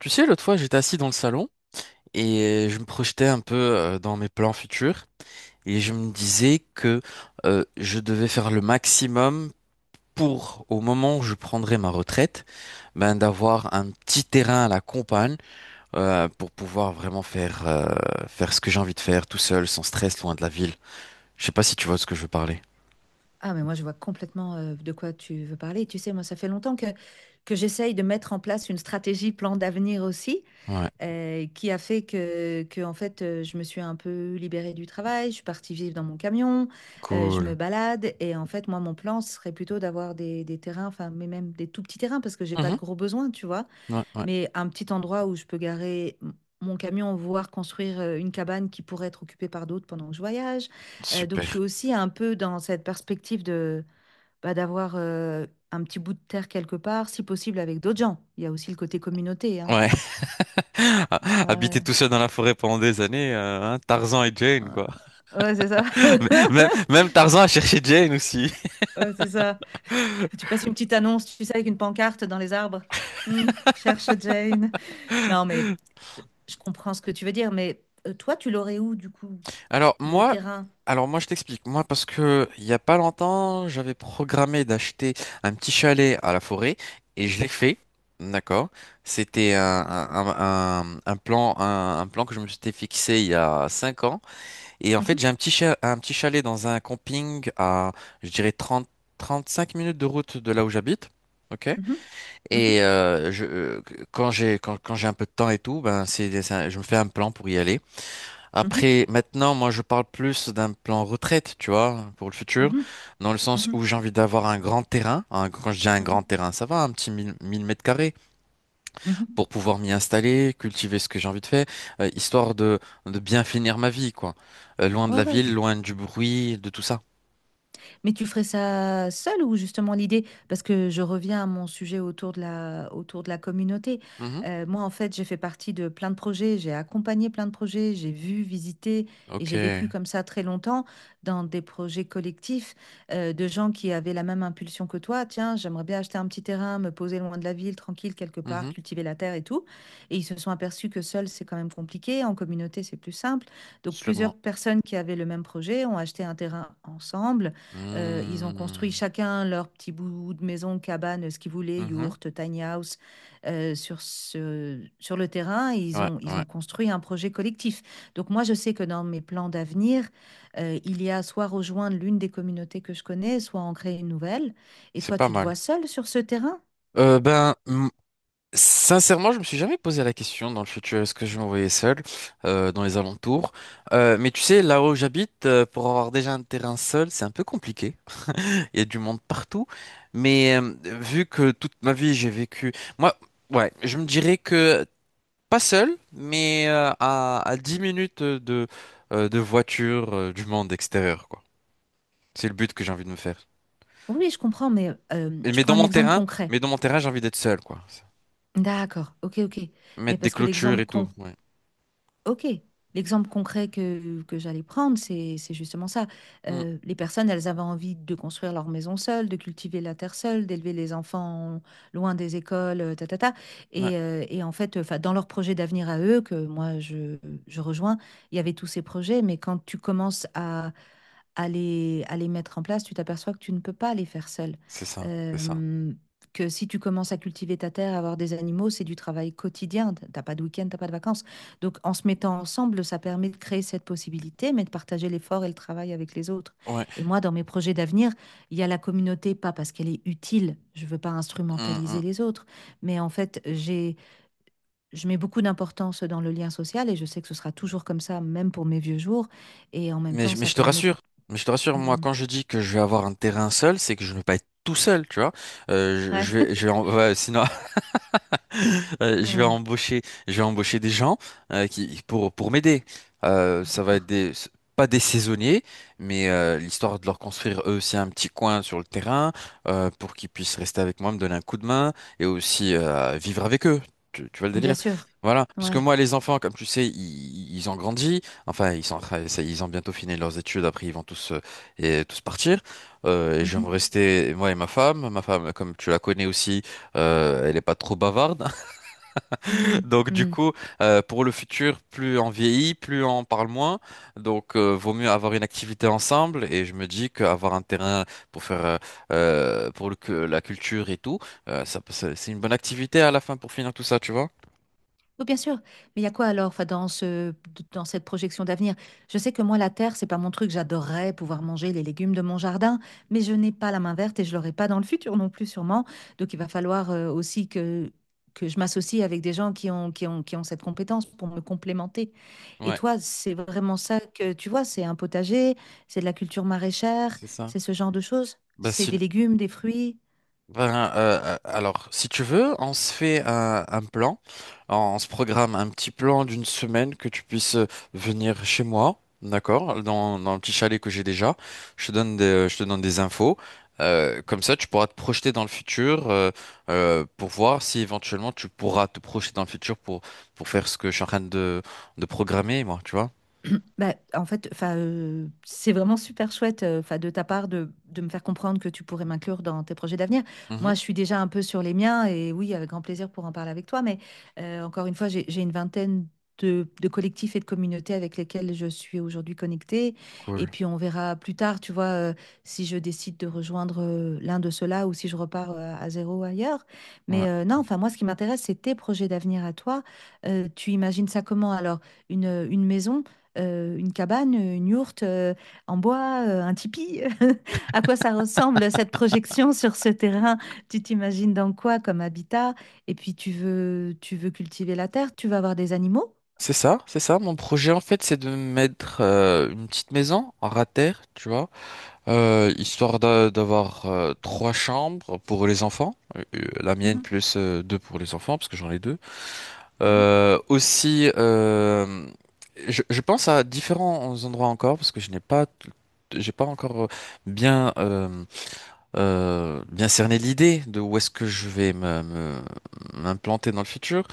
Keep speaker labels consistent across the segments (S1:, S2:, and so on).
S1: Tu sais, l'autre fois, j'étais assis dans le salon et je me projetais un peu dans mes plans futurs et je me disais que je devais faire le maximum pour, au moment où je prendrai ma retraite, ben, d'avoir un petit terrain à la campagne, pour pouvoir vraiment faire, faire ce que j'ai envie de faire tout seul, sans stress, loin de la ville. Je sais pas si tu vois de ce que je veux parler.
S2: Ah, mais moi, je vois complètement de quoi tu veux parler. Tu sais, moi, ça fait longtemps que j'essaye de mettre en place une stratégie plan d'avenir aussi,
S1: Ouais,
S2: qui a fait en fait, je me suis un peu libérée du travail, je suis partie vivre dans mon camion, je
S1: cool.
S2: me balade. Et en fait, moi, mon plan ce serait plutôt d'avoir des terrains, enfin, mais même des tout petits terrains, parce que j'ai pas de
S1: Mhm.
S2: gros besoins, tu vois,
S1: Ouais, ouais,
S2: mais un petit endroit où je peux mon camion, voire construire une cabane qui pourrait être occupée par d'autres pendant que je voyage. Donc, je suis
S1: super.
S2: aussi un peu dans cette perspective de bah, d'avoir un petit bout de terre quelque part, si possible avec d'autres gens. Il y a aussi le côté communauté, hein.
S1: Ouais, habiter
S2: Ouais,
S1: tout seul dans la forêt pendant des années, hein, Tarzan et Jane, quoi.
S2: ouais, ouais, c'est ça.
S1: Même, même Tarzan a cherché Jane aussi.
S2: Ouais, c'est ça. Tu passes une petite annonce, tu sais, avec une pancarte dans les arbres. Hmm, cherche Jane. Non, mais euh, je comprends ce que tu veux dire, mais toi, tu l'aurais où, du coup,
S1: Alors
S2: le
S1: moi,
S2: terrain?
S1: alors moi, je t'explique. Moi parce que il y a pas longtemps, j'avais programmé d'acheter un petit chalet à la forêt et je l'ai fait. D'accord. C'était un plan un plan que je me suis fixé il y a 5 ans. Et en fait, j'ai un petit un petit chalet dans un camping à, je dirais 35 minutes de route de là où j'habite. Ok.
S2: Mhm,
S1: Et
S2: mhm,
S1: quand quand j'ai un peu de temps et tout, ben c'est, je me fais un plan pour y aller.
S2: mhm,
S1: Après, maintenant, moi, je parle plus d'un plan retraite, tu vois, pour le futur,
S2: mhm,
S1: dans le sens où
S2: mhm,
S1: j'ai envie d'avoir un grand terrain. Un- quand je dis un
S2: mhm,
S1: grand terrain, ça va, un petit mille mètres carrés
S2: mhm.
S1: pour pouvoir m'y installer, cultiver ce que j'ai envie de faire, histoire de bien finir ma vie, quoi. Loin de
S2: Ouais,
S1: la
S2: ouais.
S1: ville, loin du bruit, de tout ça.
S2: Mais tu ferais ça seul ou justement l'idée, parce que je reviens à mon sujet autour autour de la communauté.
S1: Mhm.
S2: Moi, en fait, j'ai fait partie de plein de projets, j'ai accompagné plein de projets, j'ai vu, visité et
S1: Ok.
S2: j'ai vécu comme ça très longtemps dans des projets collectifs, de gens qui avaient la même impulsion que toi. Tiens, j'aimerais bien acheter un petit terrain, me poser loin de la ville, tranquille quelque part,
S1: Mhm.
S2: cultiver la terre et tout. Et ils se sont aperçus que seul, c'est quand même compliqué. En communauté, c'est plus simple. Donc, plusieurs
S1: Sûrement.
S2: personnes qui avaient le même projet ont acheté un terrain ensemble, ils ont construit
S1: Mhm.
S2: chacun leur petit bout de maison, cabane, ce qu'ils voulaient,
S1: Mhm.
S2: yourte, tiny house, sur le terrain. Et
S1: Ouais,
S2: ils
S1: ouais.
S2: ont construit un projet collectif. Donc moi, je sais que dans mes plans d'avenir, il y a soit rejoindre l'une des communautés que je connais, soit en créer une nouvelle. Et
S1: C'est
S2: toi,
S1: pas
S2: tu te vois
S1: mal.
S2: seule sur ce terrain?
S1: Euh, ben, m- sincèrement, je me suis jamais posé la question dans le futur, est-ce que je vais m'envoyer seul, dans les alentours? Mais tu sais, là où j'habite, pour avoir déjà un terrain seul, c'est un peu compliqué. Il y a du monde partout. Mais vu que toute ma vie, j'ai vécu... Moi, ouais, je me dirais que pas seul, mais à 10 minutes de voiture, du monde extérieur, quoi. C'est le but que j'ai envie de me faire.
S2: Oui, je comprends, mais
S1: Et-
S2: je
S1: Mais
S2: prends
S1: dans
S2: un
S1: mon
S2: exemple
S1: terrain,
S2: concret.
S1: j'ai envie d'être seul, quoi.
S2: D'accord, ok, ok. Mais
S1: Mettre des
S2: parce que
S1: clôtures
S2: l'exemple
S1: et tout.
S2: con.
S1: Ouais.
S2: Ok, l'exemple concret que j'allais prendre, c'est justement ça.
S1: Mm.
S2: Les personnes, elles avaient envie de construire leur maison seule, de cultiver la terre seule, d'élever les enfants loin des écoles, ta, ta, ta.
S1: Ouais,
S2: Et en fait, enfin, dans leur projet d'avenir à eux, que moi je rejoins, il y avait tous ces projets, mais quand tu commences à les mettre en place, tu t'aperçois que tu ne peux pas les faire seul.
S1: c'est ça.
S2: Euh, que si tu commences à cultiver ta terre, à avoir des animaux, c'est du travail quotidien. T'as pas de week-end, t'as pas de vacances. Donc, en se mettant ensemble, ça permet de créer cette possibilité, mais de partager l'effort et le travail avec les autres.
S1: Ouais.
S2: Et moi, dans mes projets d'avenir, il y a la communauté, pas parce qu'elle est utile, je ne veux pas
S1: Hum,
S2: instrumentaliser
S1: hum.
S2: les autres, mais en fait, je mets beaucoup d'importance dans le lien social et je sais que ce sera toujours comme ça, même pour mes vieux jours. Et en même temps,
S1: Mais
S2: ça
S1: je te
S2: permet...
S1: rassure,
S2: de
S1: moi, quand je dis que je vais avoir un terrain seul, c'est que je ne vais pas être tout seul, tu vois.
S2: ouais.
S1: Je vais ouais, sinon, Euh, je vais
S2: Ouais.
S1: embaucher, je vais embaucher des gens, qui pour m'aider. Ça va être
S2: D'accord.
S1: des pas des saisonniers, mais l'histoire de leur construire eux aussi un petit coin sur le terrain, pour qu'ils puissent rester avec moi, me donner un coup de main et aussi vivre avec eux. Tu vois le
S2: Bien
S1: délire?
S2: sûr.
S1: Voilà, parce que
S2: Ouais.
S1: moi, les enfants, comme tu sais, ils ont grandi. Enfin, ils sont, en train- ça- ils ont bientôt fini leurs études. Après, ils vont tous, tous partir. Et je vais me
S2: Mhm.
S1: rester moi et ma femme. Ma femme, comme tu la connais aussi, elle est pas trop bavarde.
S2: Mhm.
S1: Donc du
S2: Mhm.
S1: coup, pour le futur, plus on vieillit, plus on parle moins. Donc vaut mieux avoir une activité ensemble. Et je me dis qu'avoir un terrain pour faire pour le, la culture et tout, c'est une bonne activité à la fin pour finir tout ça, tu vois?
S2: Oui, bien sûr. Mais il y a quoi alors, enfin, dans dans cette projection d'avenir? Je sais que moi, la terre, c'est pas mon truc. J'adorerais pouvoir manger les légumes de mon jardin, mais je n'ai pas la main verte et je l'aurai pas dans le futur non plus, sûrement. Donc, il va falloir aussi que je m'associe avec des gens qui ont cette compétence pour me complémenter. Et
S1: Ouais,
S2: toi, c'est vraiment ça que tu vois, c'est un potager, c'est de la culture maraîchère,
S1: c'est ça.
S2: c'est ce genre de choses,
S1: Bah,
S2: c'est des
S1: sin-
S2: légumes, des fruits.
S1: Ben, alors, si tu veux, on se fait un plan, on se programme un petit plan d'une semaine que tu puisses venir chez moi, d'accord, dans le petit chalet que j'ai déjà. Je te donne des infos. Comme ça, tu pourras te projeter dans le futur, pour voir si éventuellement tu pourras te projeter dans le futur pour faire ce que je suis en train de programmer, moi, tu vois.
S2: Bah, en fait, enfin, c'est vraiment super chouette, enfin, de ta part de me faire comprendre que tu pourrais m'inclure dans tes projets d'avenir. Moi,
S1: Mhm.
S2: je suis déjà un peu sur les miens et oui, avec grand plaisir pour en parler avec toi. Mais encore une fois, j'ai une vingtaine de collectifs et de communautés avec lesquels je suis aujourd'hui connectée.
S1: Cool.
S2: Et puis, on verra plus tard, tu vois, si je décide de rejoindre l'un de ceux-là ou si je repars à zéro ailleurs.
S1: Ouais.
S2: Mais non, enfin, moi, ce qui m'intéresse, c'est tes projets d'avenir à toi. Tu imagines ça comment? Alors, une maison? Une cabane, une yourte, en bois, un tipi. À quoi ça ressemble cette projection sur ce terrain? Tu t'imagines dans quoi comme habitat? Et puis tu veux cultiver la terre, tu vas avoir des animaux?
S1: C'est ça. Mon projet, en fait, c'est de mettre une petite maison en rater, tu vois. Histoire d'avoir trois chambres pour les enfants, la mienne
S2: Mhm,
S1: plus deux pour les enfants parce que j'en ai deux.
S2: mhm,
S1: Euh, aussi, euh, je pense à différents endroits encore parce que je n'ai pas, t- j'ai pas encore bien, bien cerner l'idée de où est-ce que je vais m'implanter dans le futur.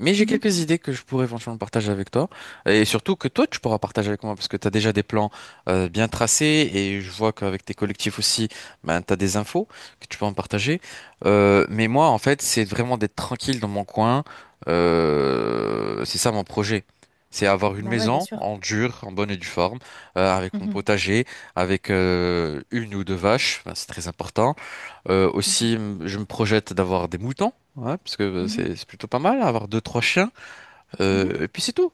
S1: Mais j'ai
S2: mhm.
S1: quelques idées que je pourrais éventuellement partager avec toi. Et surtout que toi, tu pourras partager avec moi parce que tu as déjà des plans bien tracés et je vois qu'avec tes collectifs aussi, ben, tu as des infos que tu peux en partager. Mais moi, en fait, c'est vraiment d'être tranquille dans mon coin. C'est ça mon projet. C'est avoir une
S2: Bah ouais, bien
S1: maison
S2: sûr.
S1: en dur, en bonne et due forme, avec mon
S2: Mhm,
S1: potager, avec une ou deux vaches, ben, c'est très important.
S2: mhm,
S1: Je me projette d'avoir des moutons, hein, parce que
S2: mhm,
S1: c'est plutôt pas mal, avoir deux, trois chiens,
S2: mhm.
S1: et puis c'est tout.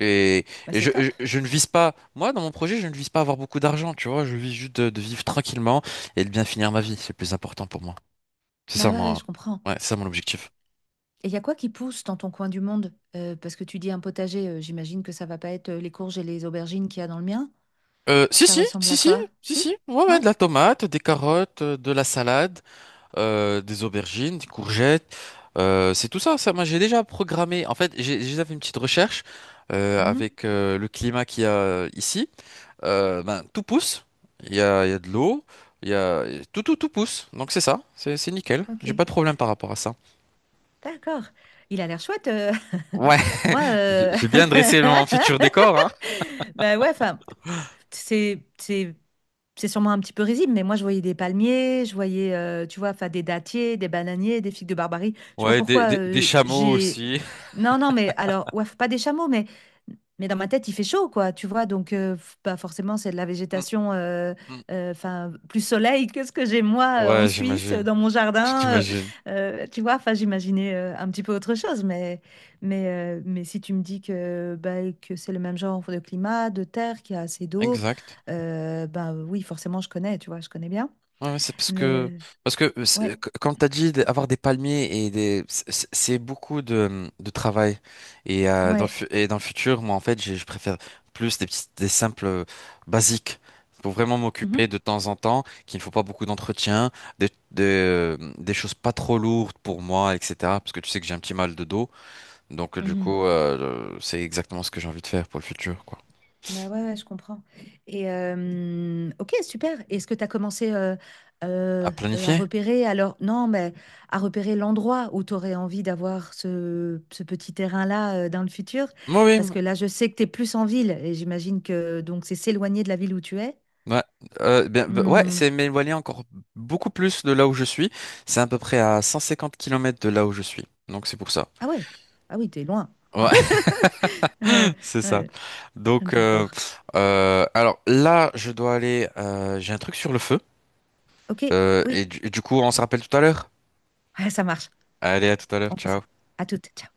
S1: Et,
S2: Bah c'est top.
S1: je ne vise pas, moi, dans mon projet, je ne vise pas avoir beaucoup d'argent, tu vois, je vise juste de vivre tranquillement et de bien finir ma vie, c'est le plus important pour moi. C'est ça
S2: Bah ouais,
S1: mon,
S2: ouais, je comprends.
S1: ouais, c'est ça mon objectif.
S2: Et il y a quoi qui pousse dans ton coin du monde? Parce que tu dis un potager, j'imagine que ça va pas être les courges et les aubergines qu'il y a dans le mien.
S1: Si,
S2: Ça
S1: si,
S2: ressemble
S1: si,
S2: à
S1: si,
S2: quoi?
S1: si,
S2: Si?
S1: si, ouais, ouais,
S2: Ouais?
S1: de la tomate, des carottes, de la salade, des aubergines, des courgettes. C'est tout ça. Moi, j'ai déjà programmé. En fait, j'ai déjà fait une petite recherche
S2: Mhm.
S1: avec le climat qu'il y a ici. Ben, tout pousse. Il y a de l'eau. Il y a tout pousse. Donc c'est ça. C'est nickel.
S2: Ok.
S1: J'ai pas de problème par rapport à ça.
S2: D'accord. Il a l'air chouette.
S1: Ouais.
S2: Moi,
S1: J'ai bien dressé mon futur décor, hein.
S2: bah ouais, enfin, c'est, c'est sûrement un petit peu risible, mais moi, je voyais des palmiers, je voyais, tu vois? Enfin, des dattiers, des bananiers, des figues de Barbarie. Je sais pas
S1: Ouais,
S2: pourquoi,
S1: des chameaux
S2: j'ai
S1: aussi.
S2: non, non, mais alors, ouais, pas des chameaux, mais dans ma tête, il fait chaud, quoi, tu vois? Donc, f bah, forcément, c'est de la
S1: Mm,
S2: végétation,
S1: mm.
S2: enfin, plus soleil que ce que j'ai, moi, en
S1: Ouais,
S2: Suisse,
S1: j'imagine.
S2: dans mon jardin,
S1: J'imagine.
S2: tu vois? Enfin, j'imaginais, un petit peu autre chose, mais mais si tu me dis que, bah, que c'est le même genre de climat, de terre, qu'il y a assez d'eau,
S1: Exact.
S2: bah oui, forcément, je connais, tu vois, je connais bien.
S1: Ouais, ouais, c'est parce
S2: Mais
S1: que
S2: ouais,
S1: quand t'as dit avoir des palmiers et des, c'est beaucoup de travail et dans le
S2: ouais.
S1: futur, moi en fait je préfère plus des petits, des simples, basiques pour vraiment
S2: Mhm,
S1: m'occuper de temps en temps qu'il ne faut pas beaucoup d'entretien, des choses pas trop lourdes pour moi, etc, parce que tu sais que j'ai un petit mal de dos, donc du
S2: mhm.
S1: coup, c'est exactement ce que j'ai envie de faire pour le futur, quoi.
S2: Bah ouais, ouais, je comprends. Et ok, super. Est-ce que tu as commencé
S1: À
S2: à
S1: planifier.
S2: repérer, alors non, mais à repérer l'endroit où tu aurais envie d'avoir ce petit terrain-là dans le futur?
S1: Oui,
S2: Parce
S1: oui.
S2: que là, je sais que tu es plus en ville et j'imagine que donc c'est s'éloigner de la ville où tu es.
S1: Ouais, bien, bah, ouais,
S2: Hmm.
S1: c'est mais éloigné encore beaucoup plus de là où je suis. C'est à peu près à 150 km de là où je suis. Donc c'est pour ça.
S2: Ah ouais, ah oui, t'es loin.
S1: Ouais,
S2: Euh,
S1: c'est ça.
S2: ouais,
S1: Donc
S2: d'accord.
S1: alors là, je dois aller. J'ai un truc sur le feu.
S2: Ok,
S1: Et
S2: oui.
S1: du coup, on se rappelle tout à l'heure.
S2: Ouais, ça marche.
S1: Allez, à tout à l'heure.
S2: On fait ça.
S1: Ciao.
S2: À toutes. Ciao.